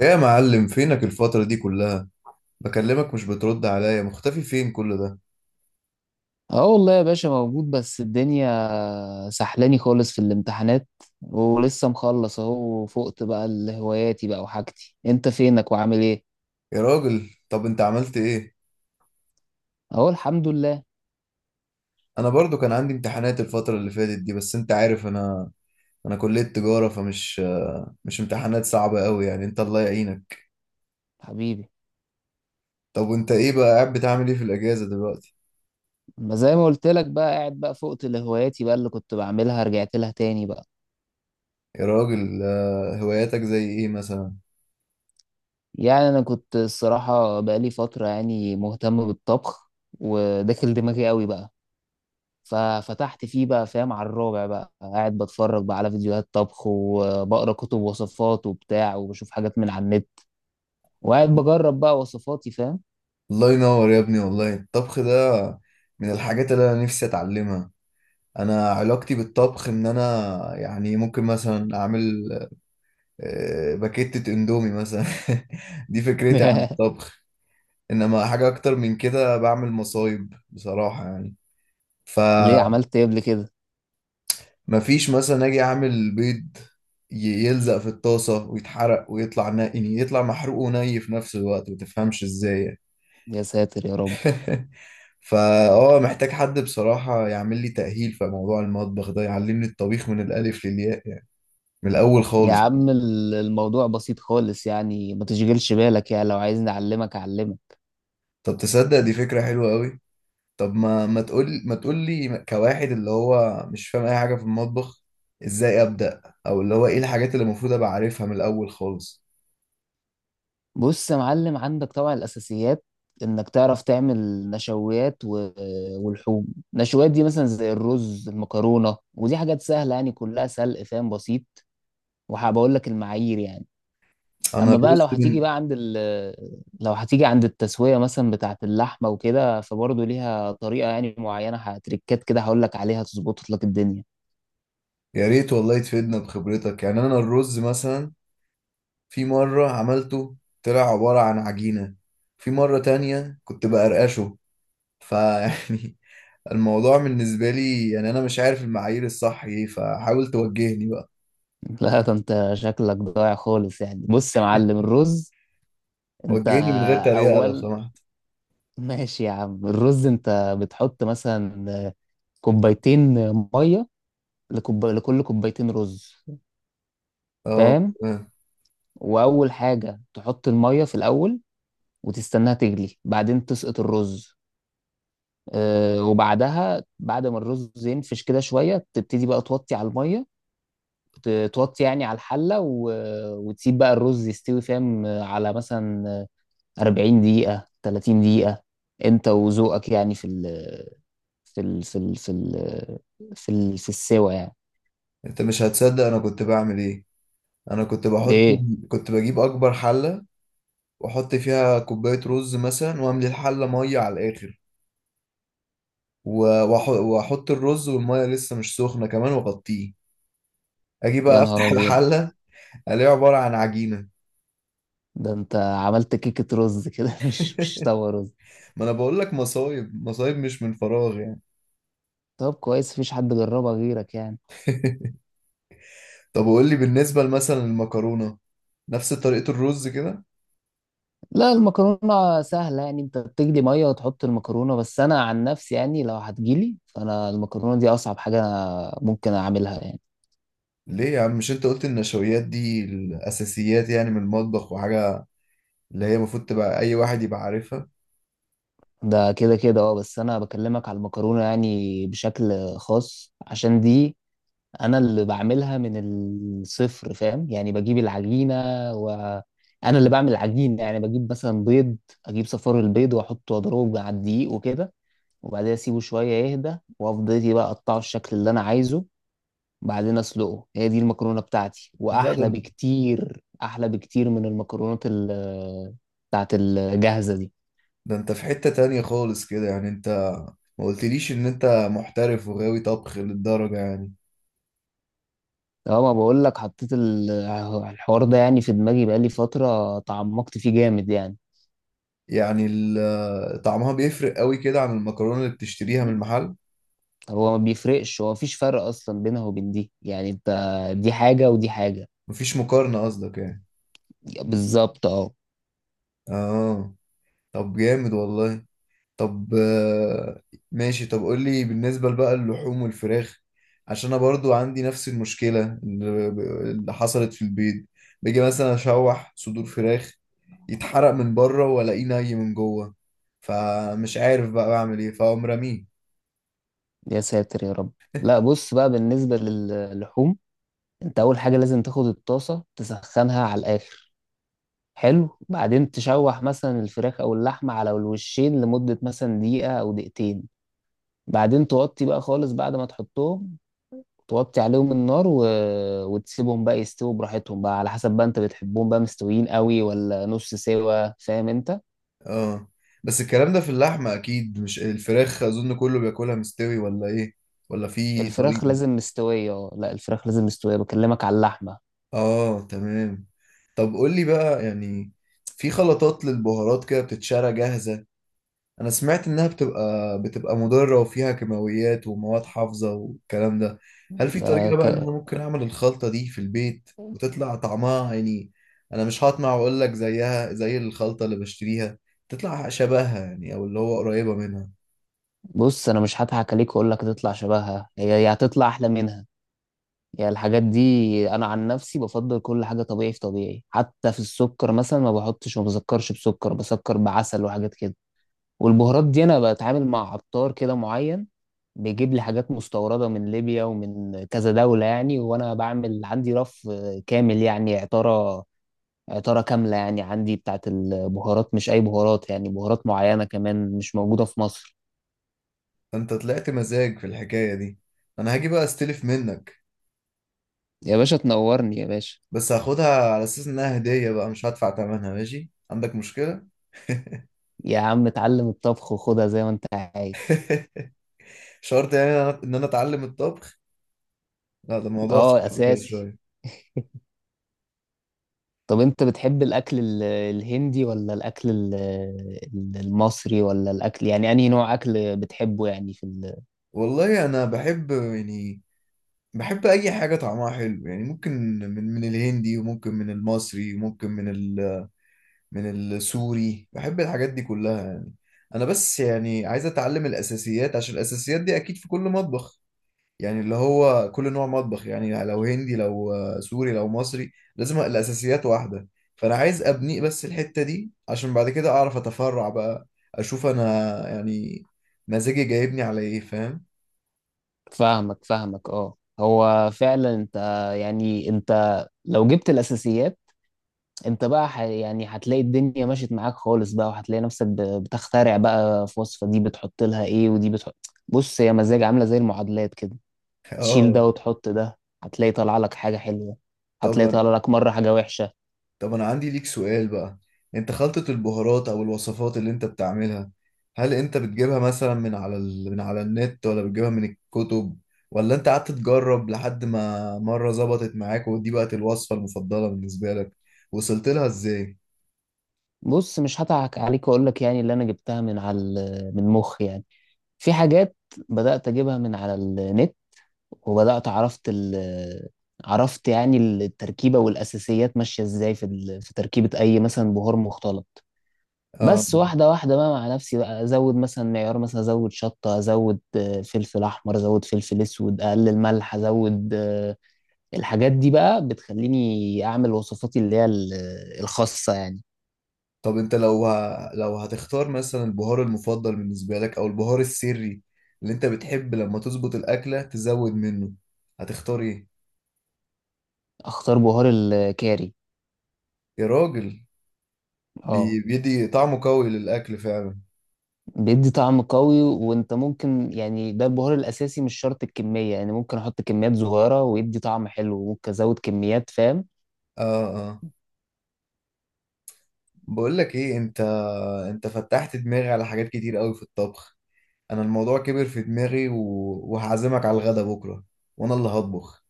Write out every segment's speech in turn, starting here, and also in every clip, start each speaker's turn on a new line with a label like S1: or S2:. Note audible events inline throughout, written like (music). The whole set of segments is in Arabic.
S1: ايه يا معلم، فينك الفترة دي كلها؟ بكلمك مش بترد عليا، مختفي فين كل ده؟
S2: اه والله يا باشا موجود، بس الدنيا سحلاني خالص في الامتحانات، ولسه مخلص اهو. وفقت بقى لهواياتي بقى وحاجتي. انت فينك وعامل ايه؟
S1: يا راجل، طب انت عملت ايه؟
S2: اهو الحمد لله.
S1: انا برضو كان عندي امتحانات الفترة اللي فاتت دي، بس انت عارف انا كلية تجارة، فمش مش امتحانات صعبة قوي يعني، انت الله يعينك.
S2: حبيبي،
S1: طب وانت ايه بقى، قاعد بتعمل ايه في الاجازة دلوقتي؟
S2: ما زي ما قلت لك بقى، قاعد بقى فقت لهواياتي بقى اللي كنت بعملها رجعت لها تاني بقى.
S1: يا راجل، هواياتك زي ايه مثلا؟
S2: يعني انا كنت الصراحة بقى لي فترة يعني مهتم بالطبخ، وداخل دماغي قوي بقى. ففتحت فيه بقى، فاهم، على الرابع بقى، قاعد بتفرج بقى على فيديوهات طبخ، وبقرا كتب وصفات وبتاع، وبشوف حاجات من على النت، وقاعد بجرب بقى وصفاتي، فاهم.
S1: الله ينور يا ابني، والله الطبخ ده من الحاجات اللي انا نفسي اتعلمها. انا علاقتي بالطبخ ان انا، يعني ممكن مثلا اعمل باكيتة اندومي مثلا. (laughs) دي فكرتي عن
S2: (laughs)
S1: الطبخ. انما حاجة اكتر من كده بعمل مصايب بصراحة يعني،
S2: ليه،
S1: فمفيش.
S2: عملت ايه قبل كده؟
S1: مثلا اجي اعمل بيض، يلزق في الطاسة ويتحرق، ويطلع نقي، يعني يطلع محروق وني في نفس الوقت، متفهمش ازاي يعني.
S2: يا ساتر يا رب.
S1: (laughs) فا محتاج حد بصراحة يعمل لي تأهيل في موضوع المطبخ ده، يعلمني الطبيخ من الألف للياء يعني، من الأول
S2: يا
S1: خالص.
S2: عم الموضوع بسيط خالص يعني، ما تشغلش بالك يعني. لو عايزني اعلمك اعلمك.
S1: طب تصدق دي فكرة حلوة أوي؟ طب ما تقول لي كواحد اللي هو مش فاهم اي حاجه في المطبخ، ازاي ابدا؟ او اللي هو ايه الحاجات اللي المفروض ابقى عارفها من الاول خالص؟
S2: بص يا معلم، عندك طبعا الاساسيات، انك تعرف تعمل نشويات و... والحوم. نشويات دي مثلا زي الرز المكرونه، ودي حاجات سهله يعني، كلها سلق فاهم، بسيط. وهبقول لك المعايير يعني.
S1: انا
S2: اما بقى
S1: الرز
S2: لو هتيجي
S1: من،
S2: بقى عند ال لو هتيجي عند التسويه مثلا بتاعه اللحمه وكده، فبرضه ليها طريقه يعني معينه، هتريكات كده هقول لك عليها تظبط لك الدنيا.
S1: يا ريت والله تفيدنا بخبرتك. يعني انا الرز مثلا، في مره عملته طلع عباره عن عجينه، في مره تانية كنت بقرقشه، فيعني (laughs) الموضوع بالنسبه لي يعني انا مش عارف المعايير الصح ايه، فحاول توجهني بقى.
S2: (laughs) لا ده انت شكلك ضايع خالص يعني. بص يا معلم، الرز، انت
S1: وجهني من غير تريقه لو
S2: اول
S1: سمحت.
S2: (laughs) ماشي يا عم، الرز انت بتحط مثلا كوبايتين ميه لكل كوبايتين رز،
S1: اه،
S2: فاهم.
S1: تمام.
S2: واول حاجه تحط الميه في الاول، وتستناها تغلي، بعدين تسقط الرز، وبعدها بعد ما الرز ينفش كده شويه تبتدي بقى توطي على الميه، توطي يعني على الحله و... وتسيب بقى الرز يستوي، فاهم، على مثلا 40 دقيقه، 30 دقيقه، انت وذوقك يعني في ال... في ال... في ال... في ال... في ال... في السوا يعني.
S1: انت مش هتصدق انا كنت بعمل ايه. انا كنت بحط،
S2: ايه؟
S1: كنت بجيب اكبر حله واحط فيها كوبايه رز مثلا، واملي الحله ميه على الاخر، واحط الرز والميه لسه مش سخنه كمان واغطيه. اجي
S2: يا
S1: بقى
S2: نهار
S1: افتح (laughs)
S2: ابيض،
S1: الحله، الاقيها عباره عن عجينه.
S2: ده انت عملت كيكه رز كده، (laughs) مش
S1: (laughs)
S2: طوى رز.
S1: ما انا بقول لك، مصايب مصايب مش من فراغ يعني.
S2: طب كويس مفيش حد جربها غيرك يعني.
S1: (laughs) طب قول لي بالنسبه مثلا للمكرونه، نفس طريقه الرز كده؟
S2: لا المكرونة سهلة يعني، انت بتجلي مية وتحط المكرونة. بس انا عن نفسي يعني لو هتجيلي، فانا المكرونة دي اصعب حاجة أنا ممكن اعملها يعني.
S1: ليه يا عم، مش انت قلت النشويات دي الاساسيات يعني من المطبخ وحاجه، اللي هي المفروض تبقى اي واحد يبقى عارفها؟
S2: ده كده اه، بس انا بكلمك على المكرونة يعني بشكل خاص، عشان دي انا اللي بعملها من الصفر، فاهم. يعني بجيب العجينة وانا اللي بعمل العجين يعني. بجيب مثلا بيض، اجيب صفار البيض واحطه واضربه مع الدقيق وكده، وبعدها اسيبه شوية يهدى، وافضل إيه بقى اقطعه الشكل اللي انا عايزه. بعدين اسلقه، هي دي المكرونه بتاعتي،
S1: لا
S2: واحلى
S1: ده
S2: بكتير، احلى بكتير من المكرونات ال بتاعت الجاهزه دي.
S1: ده انت في حتة تانية خالص كده يعني. انت ما قلتليش ان انت محترف وغاوي طبخ للدرجة يعني.
S2: اه ما بقول لك، حطيت الحوار ده يعني في دماغي بقالي فتره، تعمقت فيه جامد يعني.
S1: يعني ال- طعمها بيفرق قوي كده عن المكرونة اللي بتشتريها من المحل؟
S2: هو ما بيفرقش، هو مفيش فرق اصلا بينها وبين دي يعني، انت دي حاجه ودي حاجه.
S1: مفيش مقارنة قصدك يعني؟
S2: بالظبط اه.
S1: اه. طب جامد والله. طب ماشي. طب قول لي بالنسبة بقى اللحوم والفراخ، عشان انا برضو عندي نفس المشكلة اللي، اللي حصلت في البيض. باجي مثلا اشوح صدور فراخ، يتحرق من بره والاقيه ني من جوه، فمش عارف بقى بعمل ايه، فاقوم رميه.
S2: يا ساتر يا رب. لا بص بقى بالنسبه للحوم، انت اول حاجه لازم تاخد الطاسه تسخنها على الاخر، حلو. بعدين تشوح مثلا الفراخ او اللحمه على الوشين لمده مثلا دقيقه او دقيقتين، بعدين توطي بقى خالص بعد ما تحطهم، توطي عليهم النار و... وتسيبهم بقى يستووا براحتهم بقى، على حسب بقى انت بتحبهم بقى مستويين قوي ولا نص سوا، فاهم انت.
S1: اه، بس الكلام ده في اللحمة اكيد مش الفراخ، اظن كله بياكلها مستوي ولا ايه؟ ولا في
S2: الفراخ
S1: طريقة؟
S2: لازم مستويه، اه لا الفراخ لازم مستويه، بكلمك على اللحمه.
S1: اه، تمام. طب قول لي بقى يعني، في خلطات للبهارات كده بتتشرى جاهزة، انا سمعت انها بتبقى مضرة وفيها كيماويات ومواد حافظة والكلام ده. هل في
S2: ده
S1: طريقة بقى ان انا
S2: ك...
S1: ممكن اعمل الخلطة دي في البيت وتطلع طعمها يعني، انا مش هطمع واقول لك زيها زي الخلطة اللي بشتريها، تطلع شبهها يعني، او اللي هو قريبة منها؟
S2: بص انا مش هضحك عليك واقول لك تطلع شبهها، هي هي هتطلع احلى منها يعني. الحاجات دي انا عن نفسي بفضل كل حاجه طبيعي في طبيعي، حتى في السكر مثلا ما بحطش، ما بسكرش بسكر بعسل وحاجات كده. والبهارات دي انا بتعامل مع عطار كده معين، بيجيب لي حاجات مستورده من ليبيا ومن كذا دوله يعني. وانا بعمل عندي رف كامل يعني عطاره، عطاره كامله يعني، عندي بتاعت البهارات، مش اي بهارات يعني، بهارات معينه كمان مش موجوده في مصر.
S1: انت طلعت مزاج في الحكاية دي. انا هاجي بقى استلف منك،
S2: يا باشا تنورني يا باشا.
S1: بس هاخدها على اساس انها هدية بقى، مش هدفع ثمنها. ماشي عندك مشكلة؟
S2: يا عم اتعلم الطبخ وخدها زي ما انت عايز.
S1: (laughs) شرط يعني ان انا إن أنا اتعلم الطبخ؟ لا ده الموضوع
S2: اه
S1: صعب كده
S2: اساسي.
S1: شوية.
S2: طب انت بتحب الاكل الهندي ولا الاكل المصري، ولا الاكل يعني انهي نوع اكل بتحبه يعني في
S1: والله انا بحب يعني، بحب اي حاجه طعمها حلو يعني. ممكن من الهندي، وممكن من المصري، وممكن من ال، من السوري، بحب الحاجات دي كلها يعني. انا بس يعني عايز اتعلم الاساسيات، عشان الاساسيات دي اكيد في كل مطبخ، يعني اللي هو كل نوع مطبخ، يعني لو هندي لو سوري لو مصري، لازم الاساسيات واحده. فانا عايز ابني بس الحته دي، عشان بعد كده اعرف اتفرع بقى، اشوف انا يعني مزاجي جايبني على ايه، فاهم؟
S2: فاهمك فاهمك اه. هو فعلا انت يعني انت لو جبت الاساسيات، انت بقى يعني هتلاقي الدنيا مشيت معاك خالص بقى، وهتلاقي نفسك بتخترع بقى في وصفة، دي بتحط لها ايه ودي بتحط. بص هي مزاج، عاملة زي المعادلات كده،
S1: (laughs)
S2: تشيل ده
S1: اه.
S2: وتحط ده هتلاقي طالع لك حاجة حلوة، هتلاقي
S1: طب
S2: طالع لك مرة حاجة وحشة.
S1: طب أنا عندي ليك سؤال بقى. أنت خلطة البهارات أو الوصفات اللي أنت بتعملها، هل أنت بتجيبها مثلا من على ال... من على النت، ولا بتجيبها من الكتب، ولا أنت قعدت تجرب لحد ما مرة ظبطت معاك ودي بقت الوصفة المفضلة بالنسبة لك؟ وصلت لها إزاي؟
S2: بص مش هضحك عليك واقول لك يعني اللي انا جبتها من من مخي يعني. في حاجات بدأت اجيبها من على النت، وبدأت عرفت ال، عرفت يعني التركيبة والأساسيات ماشية ازاي في تركيبة أي مثلا بهار مختلط.
S1: آه.
S2: بس واحدة واحدة بقى مع نفسي بقى أزود مثلا معيار، مثلا أزود شطة، أزود فلفل أحمر، أزود فلفل أسود، أقلل ملح، أزود الحاجات دي بقى بتخليني أعمل وصفاتي اللي هي الخاصة يعني.
S1: طب أنت لو ه... لو هتختار مثلا البهار المفضل بالنسبة لك أو البهار السري، اللي أنت بتحب لما تظبط الأكلة تزود منه، هتختار إيه؟
S2: أختار بهار الكاري.
S1: يا راجل،
S2: اه
S1: بي... بيدي طعمه قوي للأكل فعلا.
S2: بيدي طعم قوي، وانت ممكن يعني ده البهار الاساسي، مش شرط الكميه يعني، ممكن احط كميات صغيره ويدي طعم حلو، وممكن ازود كميات، فاهم.
S1: اه، اه، بقول لك ايه، انت، انت فتحت دماغي على حاجات كتير قوي في الطبخ. انا الموضوع كبر في دماغي و... وهعزمك على الغدا بكره، وانا اللي هطبخ.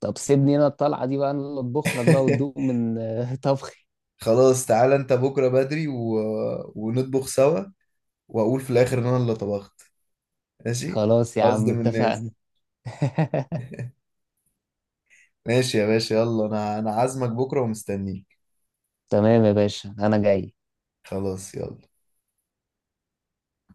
S2: طب سيبني انا الطلعه دي بقى، انا اللي اطبخ لك بقى وتدوق
S1: (laughs)
S2: من (laughs) طبخي.
S1: خلاص تعالى انت بكره بدري و... ونطبخ سوا، واقول في الاخر ان انا اللي طبخت. ماشي؟
S2: خلاص يا عم
S1: قصدي من
S2: اتفقنا.
S1: الناس.
S2: (laughs)
S1: ماشي يا باشا، يلا، انا عازمك بكره ومستنيك.
S2: تمام يا باشا انا جاي.
S1: خلاص يلا